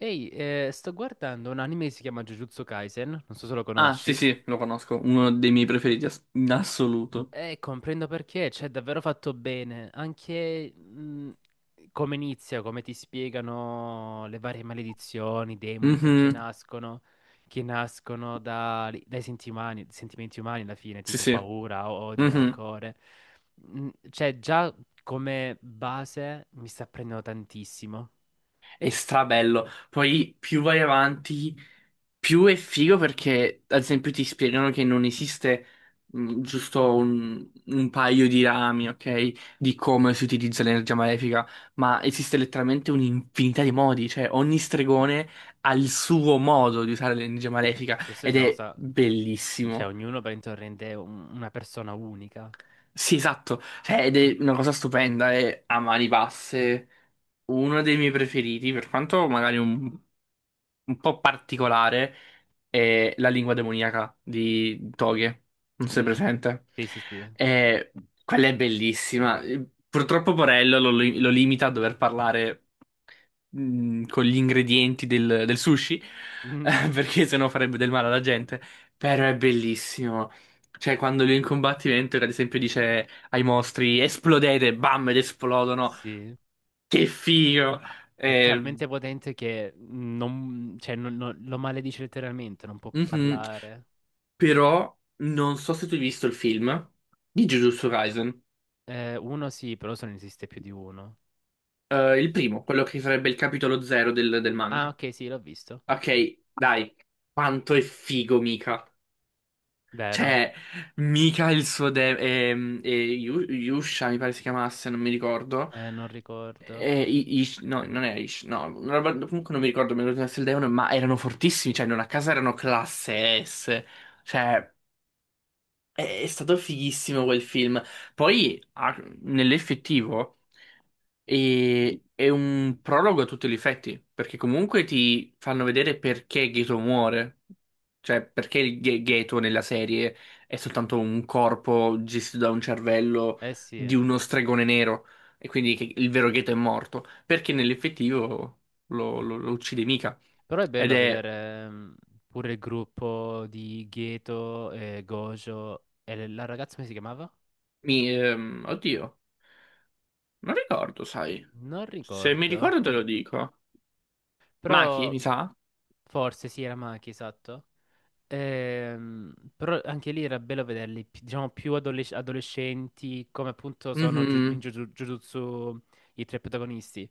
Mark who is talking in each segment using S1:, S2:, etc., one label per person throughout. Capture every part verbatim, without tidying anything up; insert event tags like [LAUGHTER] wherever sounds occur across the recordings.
S1: Ehi, eh, sto guardando un anime che si chiama Jujutsu Kaisen, non so se lo
S2: Ah, sì,
S1: conosci,
S2: sì, lo conosco, uno dei miei preferiti ass- in assoluto.
S1: e comprendo perché, cioè, è davvero fatto bene, anche mh, come inizia, come ti spiegano le varie maledizioni, i demoni, perché
S2: Mhm,
S1: nascono, che nascono da- dai senti umani- sentimenti umani alla fine,
S2: sì,
S1: tipo
S2: sì,
S1: paura, odio,
S2: mhm.
S1: rancore. Mm, Cioè, già come base mi sta prendendo tantissimo.
S2: È strabello. Poi più vai avanti, più è figo perché, ad esempio, ti spiegano che non esiste mh, giusto un, un paio di rami, ok, di come si utilizza l'energia malefica, ma esiste letteralmente un'infinità di modi, cioè ogni stregone ha il suo modo di usare l'energia malefica
S1: Questo è
S2: ed
S1: una
S2: è
S1: cosa, cioè,
S2: bellissimo.
S1: ognuno per intorno rende un- una persona unica.
S2: Sì, esatto. Cioè, ed è una cosa stupenda, è a mani basse uno dei miei preferiti, per quanto magari un, un po' particolare, è la lingua demoniaca di Toghe, non sei
S1: Mm.
S2: presente?
S1: Sì, sì, sì.
S2: E quella è bellissima. Purtroppo Borello lo, lo limita a dover parlare mh, con gli ingredienti del, del sushi, [LAUGHS]
S1: Mm.
S2: eh, perché sennò farebbe del male alla gente. Però è bellissimo. Cioè, quando lui è in combattimento, ad esempio, dice ai mostri: esplodete, bam, ed esplodono.
S1: Sì.
S2: Che figo!
S1: È
S2: Eh,
S1: talmente potente che non, cioè, non- non- lo maledice letteralmente, non può
S2: mhm.
S1: parlare.
S2: Però non so se tu hai visto il film di Jujutsu Kaisen.
S1: Eh, uno sì, però se ne esiste più di uno.
S2: Eh, il primo, quello che sarebbe il capitolo zero del, del
S1: Ah,
S2: manga.
S1: ok, sì, l'ho visto.
S2: Ok, dai, quanto è figo Mika.
S1: Vero?
S2: Cioè, Mika e il suo de- ehm, e Yu- Yusha, mi pare si chiamasse, non mi ricordo.
S1: Eh, non ricordo.
S2: E I- Ish- no, non era Ish, no, una roba- comunque non mi ricordo, mi ricordo se il demone, ma erano fortissimi, cioè non a casa erano classe S. Cioè, è è stato fighissimo quel film. Poi, ah, nell'effettivo. E è un prologo a tutti gli effetti, perché comunque ti fanno vedere perché Gato muore, cioè perché il Ga- Gato nella serie è soltanto un corpo gestito da un cervello
S1: Eh sì.
S2: di uno stregone nero, e quindi che il vero Gato è morto, perché nell'effettivo lo, lo- lo uccide mica.
S1: Però è
S2: Ed
S1: bello
S2: è...
S1: vedere mm, pure il gruppo di Geto e Gojo. E le- la ragazza come si chiamava?
S2: mi- ehm, oddio, non ricordo, sai.
S1: Non
S2: Se mi
S1: ricordo.
S2: ricordo te lo dico. Maki,
S1: Però
S2: mi sa?
S1: forse sì, era Maki, esatto. Ehm, però anche lì era bello vederli, pi- diciamo, più adolesc- adolescenti, come appunto sono Ju- in
S2: Mhm,
S1: Juju- Jujutsu i tre protagonisti.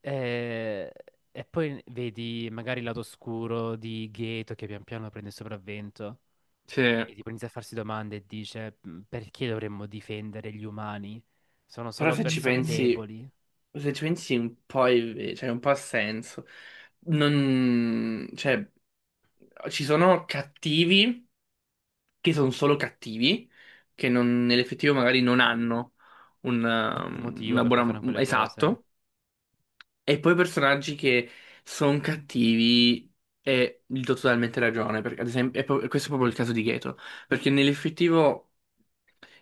S1: Eh, E, poi vedi magari il lato oscuro di Gato che pian piano prende il sopravvento
S2: sì.
S1: e tipo inizia a farsi domande e dice: "Mm, Perché dovremmo difendere gli umani? Sono
S2: Però
S1: solo
S2: se ci
S1: persone
S2: pensi,
S1: deboli.
S2: se ci pensi un po', è ve- cioè un po' ha senso. Non, cioè, ci sono cattivi che sono solo cattivi, che non- nell'effettivo magari non hanno un,
S1: Un
S2: um,
S1: motivo
S2: una
S1: per cui
S2: buona.
S1: fanno quelle cose.
S2: Esatto. E poi personaggi che sono cattivi e gli do totalmente ragione, perché ad esempio, è pro- questo è proprio il caso di Geto, perché nell'effettivo,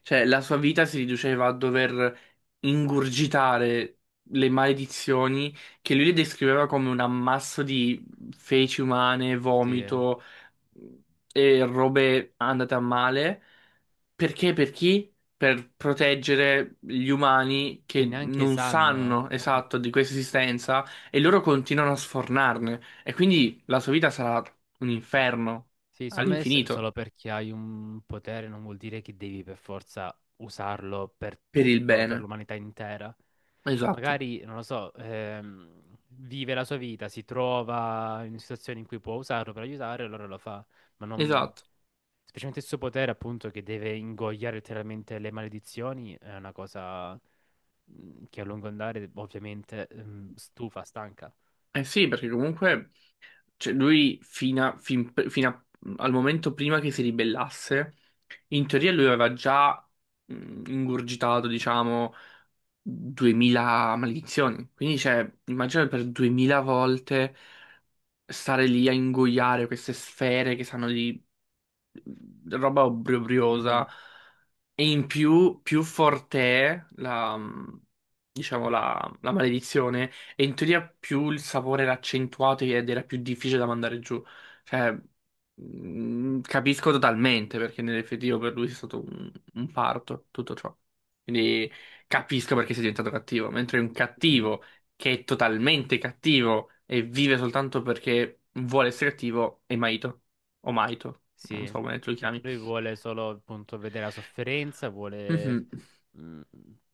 S2: cioè, la sua vita si riduceva a dover ingurgitare le maledizioni che lui le descriveva come un ammasso di feci umane,
S1: Sì, eh.
S2: vomito e robe andate a male. Perché? Per chi? Per proteggere gli umani
S1: Che
S2: che
S1: neanche
S2: non sanno
S1: sanno. eh.
S2: esatto di questa esistenza e loro continuano a sfornarne. E quindi la sua vita sarà un inferno
S1: Sì, secondo me se- solo
S2: all'infinito
S1: perché hai un potere non vuol dire che devi per forza usarlo per
S2: per il
S1: tutto, per
S2: bene.
S1: l'umanità intera.
S2: Esatto,
S1: Magari, non lo so, ehm, vive la sua vita, si trova in situazioni in cui può usarlo per aiutare, allora lo fa. Ma non.
S2: esatto.
S1: Specialmente il suo potere, appunto, che deve ingoiare letteralmente le maledizioni, è una cosa mm, che a lungo andare, ovviamente, mm, stufa, stanca.
S2: Eh sì, perché comunque cioè, lui fino a- fin- fino a- al momento prima che si ribellasse, in teoria lui aveva già mh, ingurgitato, diciamo, duemila maledizioni. Quindi, cioè, immagina per duemila volte, stare lì a ingoiare queste sfere che sanno di roba
S1: Mhm,
S2: obbrobriosa. E in più, più forte è la, mm, diciamo, la, la maledizione, e in teoria più il sapore era accentuato ed era più difficile da mandare giù. Cioè, mm, capisco totalmente perché nell'effettivo per lui è stato un, un parto, tutto ciò. Quindi capisco perché sei diventato cattivo, mentre un
S1: mhm.
S2: cattivo che è totalmente cattivo e vive soltanto perché vuole essere cattivo è Maito, o Maito non so
S1: Sì.
S2: come tu li chiami.
S1: Lui vuole solo appunto vedere la sofferenza, vuole
S2: Mhm.
S1: mh,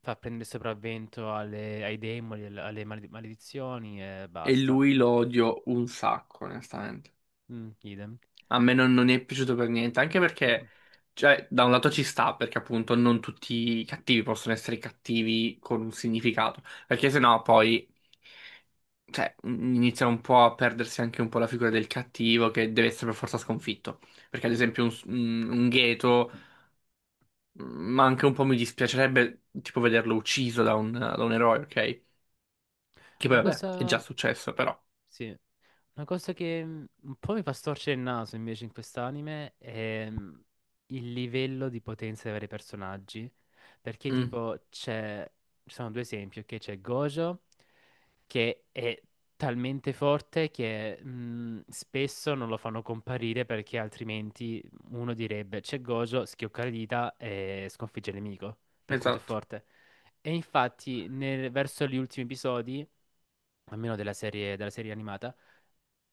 S1: far prendere sopravvento alle- ai demoni, al- alle maled- maledizioni e
S2: E
S1: basta.
S2: lui lo odio un sacco, onestamente.
S1: Mm, idem.
S2: A me non, non è piaciuto per niente, anche perché, cioè, da un lato ci sta, perché appunto non tutti i cattivi possono essere cattivi con un significato, perché sennò poi, cioè, inizia un po' a perdersi anche un po' la figura del cattivo che deve essere per forza sconfitto. Perché ad
S1: Mhm.
S2: esempio un, un, un Gheto, mm, ma anche un po' mi dispiacerebbe tipo vederlo ucciso da un, da un eroe, ok? Che poi
S1: Una
S2: vabbè, è già
S1: cosa,
S2: successo, però.
S1: sì. Una cosa che mm, un po' mi fa storcere il naso invece in quest'anime è mm, il livello di potenza dei vari personaggi. Perché
S2: Mm.
S1: tipo c'è, ci sono due esempi, ok? C'è Gojo che è talmente forte che mm, spesso non lo fanno comparire perché altrimenti uno direbbe c'è Gojo, schioccare le dita e sconfigge il nemico, per quanto è
S2: Esatto.
S1: forte. E infatti nel- verso gli ultimi episodi, almeno della serie della serie animata,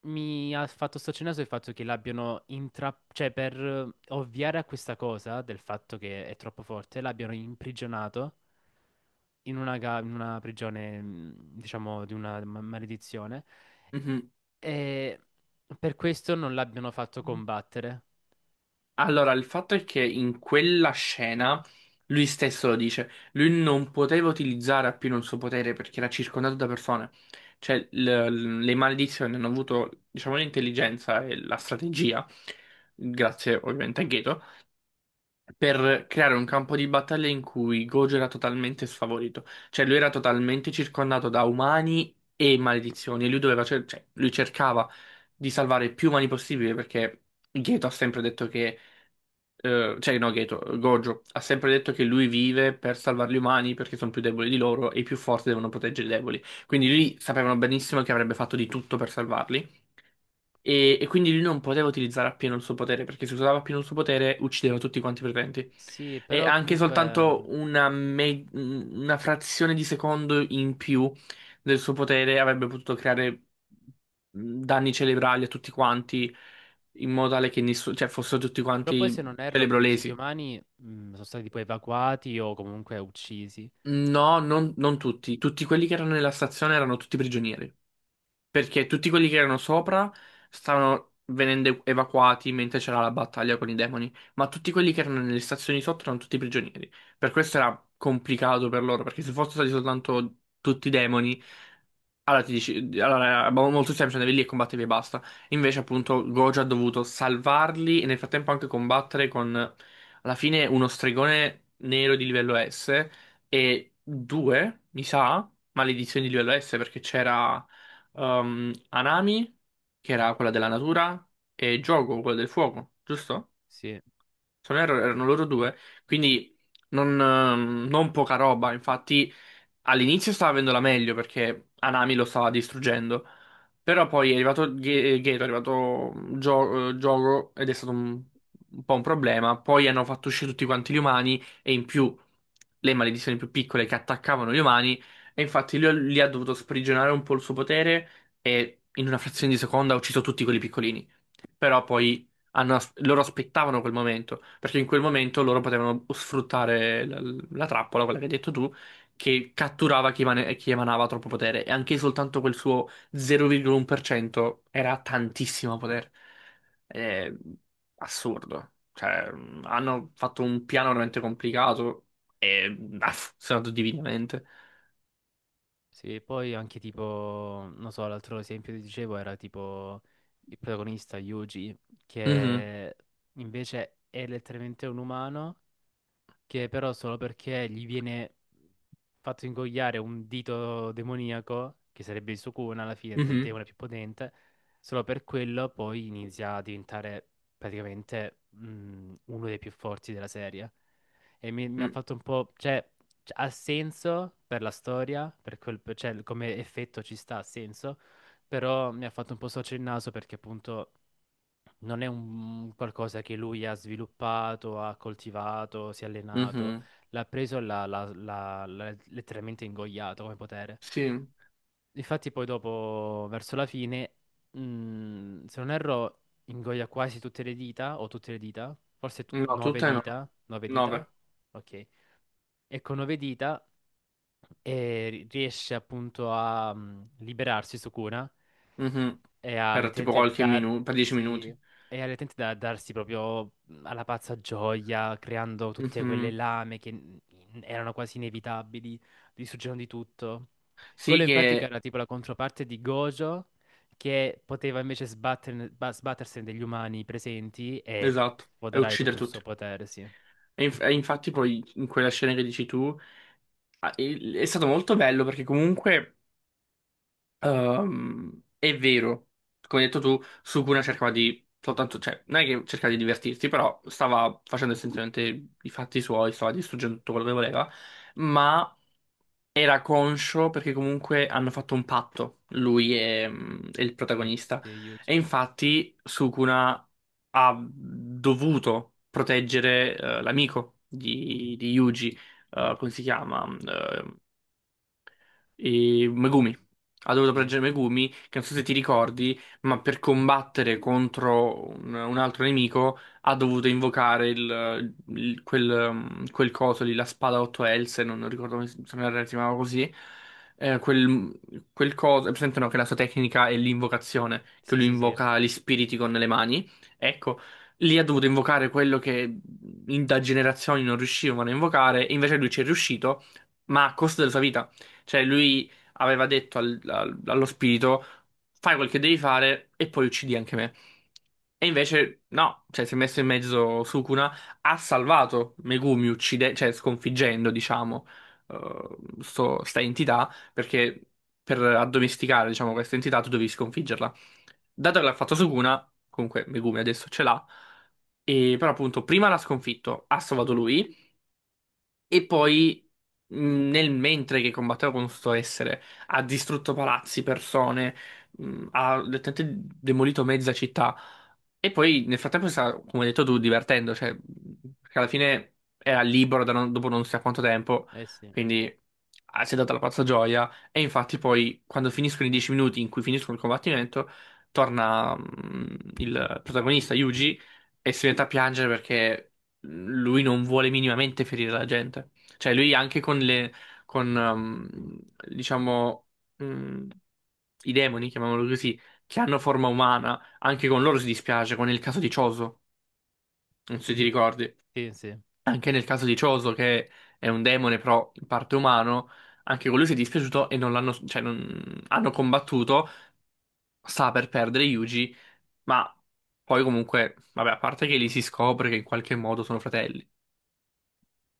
S1: mi ha fatto staccionare il fatto che l'abbiano intra... cioè per eh, ovviare a questa cosa del fatto che è troppo forte, l'abbiano imprigionato in una, ga- in una prigione, mh, diciamo, di una ma- maledizione
S2: Mhm.
S1: e per questo non l'abbiano fatto combattere.
S2: Allora, il fatto è che in quella scena lui stesso lo dice, lui non poteva utilizzare appieno il suo potere perché era circondato da persone. Cioè, l- le maledizioni hanno avuto, diciamo, l'intelligenza e la strategia, grazie ovviamente a Geto per creare un campo di battaglia in cui Gojo era totalmente sfavorito, cioè lui era totalmente circondato da umani e maledizioni e lui doveva cer- cioè, lui cercava di salvare più umani possibile perché Geto ha sempre detto che eh, cioè no Geto, Gojo ha sempre detto che lui vive per salvare gli umani perché sono più deboli di loro e i più forti devono proteggere i deboli. Quindi lui sapevano benissimo che avrebbe fatto di tutto per salvarli. E, e quindi lui non poteva utilizzare appieno il suo potere, perché se usava appieno il suo potere uccideva tutti quanti i presenti.
S1: Sì,
S2: E
S1: però
S2: anche soltanto
S1: comunque.
S2: una, me- una frazione di secondo in più del suo potere avrebbe potuto creare danni cerebrali a tutti quanti, in modo tale che nessuno, cioè, fossero tutti
S1: Però poi
S2: quanti
S1: se non erro tutti gli
S2: cerebrolesi.
S1: umani mh, sono stati poi evacuati o comunque uccisi.
S2: No, non, non tutti. Tutti quelli che erano nella stazione erano tutti prigionieri. Perché tutti quelli che erano sopra stavano venendo ev- evacuati mentre c'era la battaglia con i demoni, ma tutti quelli che erano nelle stazioni sotto erano tutti prigionieri. Per questo era complicato per loro, perché se fossero stati soltanto tutti demoni allora ti dici, allora, è mo- molto semplice, andavi lì e combattevi e basta. Invece, appunto, Gojo ha dovuto salvarli e nel frattempo anche combattere con, alla fine, uno stregone nero di livello S e due, mi sa, maledizioni di livello S perché c'era ehm, Anami, che era quella della natura, e Jogo, quello del fuoco, giusto?
S1: Sì.
S2: Se non erro, erano loro due, quindi non, ehm, non poca roba. Infatti, all'inizio stava avendo la meglio perché Anami lo stava distruggendo. Però poi è arrivato Ge- Geto, è arrivato Gio- eh, Giogo ed è stato un, un po' un problema. Poi hanno fatto uscire tutti quanti gli umani e in più le maledizioni più piccole che attaccavano gli umani. E infatti lui lì ha dovuto sprigionare un po' il suo potere e in una frazione di seconda ha ucciso tutti quelli piccolini. Però poi hanno as- loro aspettavano quel momento, perché in quel momento loro potevano sfruttare la, la trappola, quella che hai detto tu, che catturava chi, emane- chi emanava troppo potere, e anche soltanto quel suo zero virgola uno per cento era tantissimo potere. È assurdo. Cioè, mh, hanno fatto un piano veramente complicato e mh, ha funzionato divinamente.
S1: Sì, poi anche tipo, non so, l'altro esempio che ti dicevo era tipo il protagonista Yuji,
S2: Mhm,
S1: che invece è letteralmente un umano, che però solo perché gli viene fatto ingoiare un dito demoniaco, che sarebbe il Sukuna alla fine, del
S2: mhm,
S1: demone più potente, solo per quello poi inizia a diventare praticamente mm, uno dei più forti della serie. E mi, mi ha
S2: mm,
S1: fatto un po'. Cioè, c- ha senso per la storia, per quel, cioè, come effetto ci sta, ha senso, però mi ha fatto un po' sorgere il naso perché appunto non è un qualcosa che lui ha sviluppato, ha coltivato, si è allenato,
S2: mhm.
S1: l'ha preso e l'ha l'ha- l'ha- l'ha letteralmente ingoiato come potere.
S2: Sì,
S1: Infatti poi dopo, verso la fine, mm, se non erro, ingoia quasi tutte le dita, o tutte le dita, forse t-
S2: no,
S1: nove
S2: tutte no.
S1: dita, nove dita,
S2: nove.
S1: ok e con nove dita e ri- riesce appunto a mm, liberarsi Sukuna
S2: Mhm.
S1: e a
S2: Per tipo
S1: letteralmente
S2: qualche minuto, per 10
S1: darsi
S2: minuti.
S1: e a letteralmente da- darsi proprio mm, alla pazza gioia, creando tutte quelle
S2: Mhm.
S1: lame che n- erano quasi inevitabili, distruggendo di tutto.
S2: Sì,
S1: Quello in pratica
S2: che
S1: era tipo la controparte di Gojo che poteva invece sbatterne- ba- sbattersene degli umani presenti e
S2: esatto, è
S1: sfoderare tutto
S2: uccidere
S1: il
S2: tutti.
S1: suo potere, sì.
S2: E, inf- e infatti poi in quella scena che dici tu ah, il- è stato molto bello perché comunque ehm, è vero, come hai detto tu, Sukuna cercava di soltanto, cioè non è che cercava di divertirsi, però stava facendo essenzialmente i fatti suoi, stava distruggendo tutto quello che voleva, ma era conscio perché comunque hanno fatto un patto, lui e, mm, e il
S1: Sì,
S2: protagonista.
S1: sì, Yuji.
S2: E infatti Sukuna ha dovuto proteggere eh, l'amico di, di Yuji, eh, come si chiama? mm, eh, e Megumi. Ha dovuto
S1: Sì,
S2: proteggere Megumi, che non so se ti ricordi, ma per combattere contro un, un altro nemico ha dovuto invocare il, il- quel, um, quel coso lì, la spada a otto else, non, non ricordo come si se non erro si chiamava così. Eh, quel, quel coso, è presente no, che la sua tecnica è l'invocazione, che
S1: sì,
S2: lui
S1: sì, sì.
S2: invoca gli spiriti con le mani. Ecco, lì ha dovuto invocare quello che in- da generazioni non riuscivano a invocare, e invece lui ci è riuscito, ma a costo della sua vita. Cioè, lui aveva detto al- al- allo spirito: fai quel che devi fare e poi uccidi anche me. E invece, no, cioè, si è messo in mezzo Sukuna, ha salvato Megumi, uccide- cioè, sconfiggendo, diciamo, eh, sto- sta entità, perché per addomesticare, diciamo, questa entità tu devi sconfiggerla. Dato che l'ha fatto Sukuna, comunque Megumi adesso ce l'ha, e però appunto prima l'ha sconfitto, ha salvato lui. E poi, mh, nel mentre che combatteva con questo essere, ha distrutto palazzi, persone, mh, ha letteralmente demolito mezza città. E poi, nel frattempo, si sta, come hai detto tu, divertendo, cioè, mh, perché alla fine era libero da non- dopo non si sa quanto tempo,
S1: Eh sì.
S2: quindi ah, si è data la pazza gioia. E infatti, poi, quando finiscono i dieci minuti in cui finiscono il combattimento, torna, mh, il protagonista, Yuji, e si mette a piangere perché lui non vuole minimamente ferire la gente. Cioè, lui anche con le, con, um, diciamo, mm, i demoni, chiamiamolo così, che hanno forma umana, anche con loro si dispiace, come nel caso di Choso, non so se ti
S1: Mhm,
S2: ricordi.
S1: sì, sì.
S2: Anche nel caso di Choso, che è un demone però in parte umano, anche con lui si è dispiaciuto e non l'hanno, cioè, non, hanno combattuto, sta per perdere Yuji, ma poi comunque, vabbè, a parte che lì si scopre che in qualche modo sono fratelli.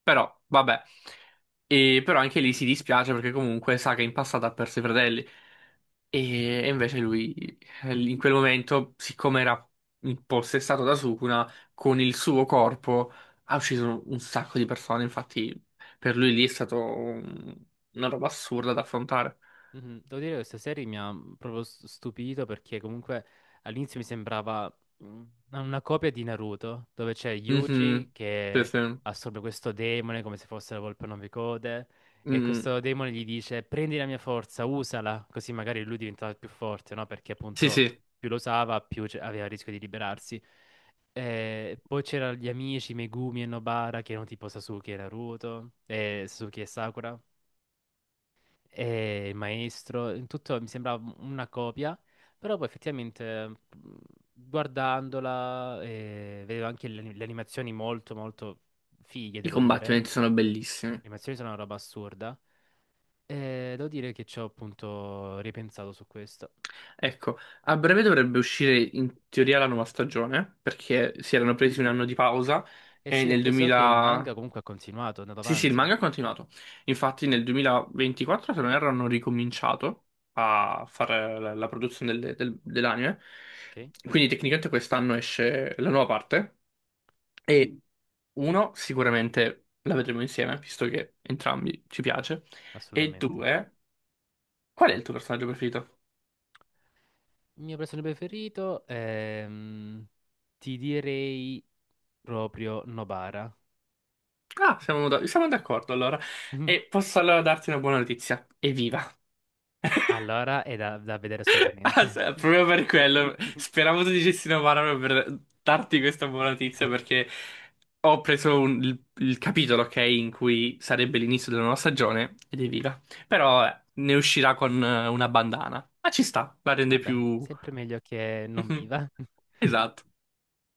S2: Però, vabbè. E, però anche lì si dispiace perché comunque sa che in passato ha perso i fratelli. E, e invece lui, eh, in quel momento, siccome era impossessato da Sukuna, con il suo corpo ha ucciso un sacco di persone. Infatti, per lui lì è stato un- una roba assurda da affrontare.
S1: Mhm. Devo dire che questa serie mi ha mm, proprio s- stupito perché comunque all'inizio mi sembrava mm, una copia di Naruto, dove c'è Yuji
S2: Mhm. Sì,
S1: che
S2: sì.
S1: assorbe questo demone come se fosse la volpe a nove code e
S2: Mm.
S1: questo demone gli dice prendi la mia forza, usala, così magari lui diventava più forte, no? Perché
S2: Sì,
S1: appunto
S2: sì.
S1: più lo usava, più c- aveva il rischio di liberarsi. Eh, poi c'erano gli amici Megumi e Nobara che erano tipo Sasuke e Naruto, e Sasuke e Sakura. E il maestro, in tutto mi sembrava una copia, però poi effettivamente mh, guardandola eh, vedevo anche le, le animazioni molto molto fighe,
S2: I
S1: devo dire.
S2: combattimenti sono
S1: Le
S2: bellissimi.
S1: animazioni sono una roba assurda. E devo dire che ci ho appunto ripensato su questo.
S2: Ecco, a breve dovrebbe uscire in teoria la nuova stagione, perché si erano presi un anno di pausa
S1: E
S2: e
S1: sì,
S2: nel
S1: perché so che il
S2: duemila.
S1: manga comunque ha continuato, è andato
S2: Sì, sì, il
S1: avanti,
S2: manga è continuato. Infatti nel duemilaventiquattro, se non erro, hanno ricominciato a fare la, la produzione del- del- dell'anime.
S1: ok?
S2: Quindi tecnicamente quest'anno esce la nuova parte e uno, sicuramente la vedremo insieme, visto che entrambi ci piace, e
S1: Assolutamente.
S2: due, qual è il tuo personaggio preferito?
S1: Il mio personaggio preferito ehm, ti direi proprio Nobara.
S2: Ah, siamo da- siamo d'accordo allora. E
S1: [LAUGHS]
S2: posso allora darti una buona notizia. Evviva!
S1: Allora è da, da vedere
S2: [LAUGHS] Ah,
S1: assolutamente.
S2: sì, proprio per quello.
S1: [LAUGHS]
S2: Speravo tu dicessi una parola per darti questa buona notizia perché ho preso un- il, il capitolo, ok, in cui sarebbe l'inizio della nuova stagione ed evviva. Però eh, ne uscirà con eh, una bandana. Ma ci sta, la rende
S1: Vabbè,
S2: più.
S1: sempre meglio che non
S2: [LAUGHS]
S1: viva.
S2: Esatto.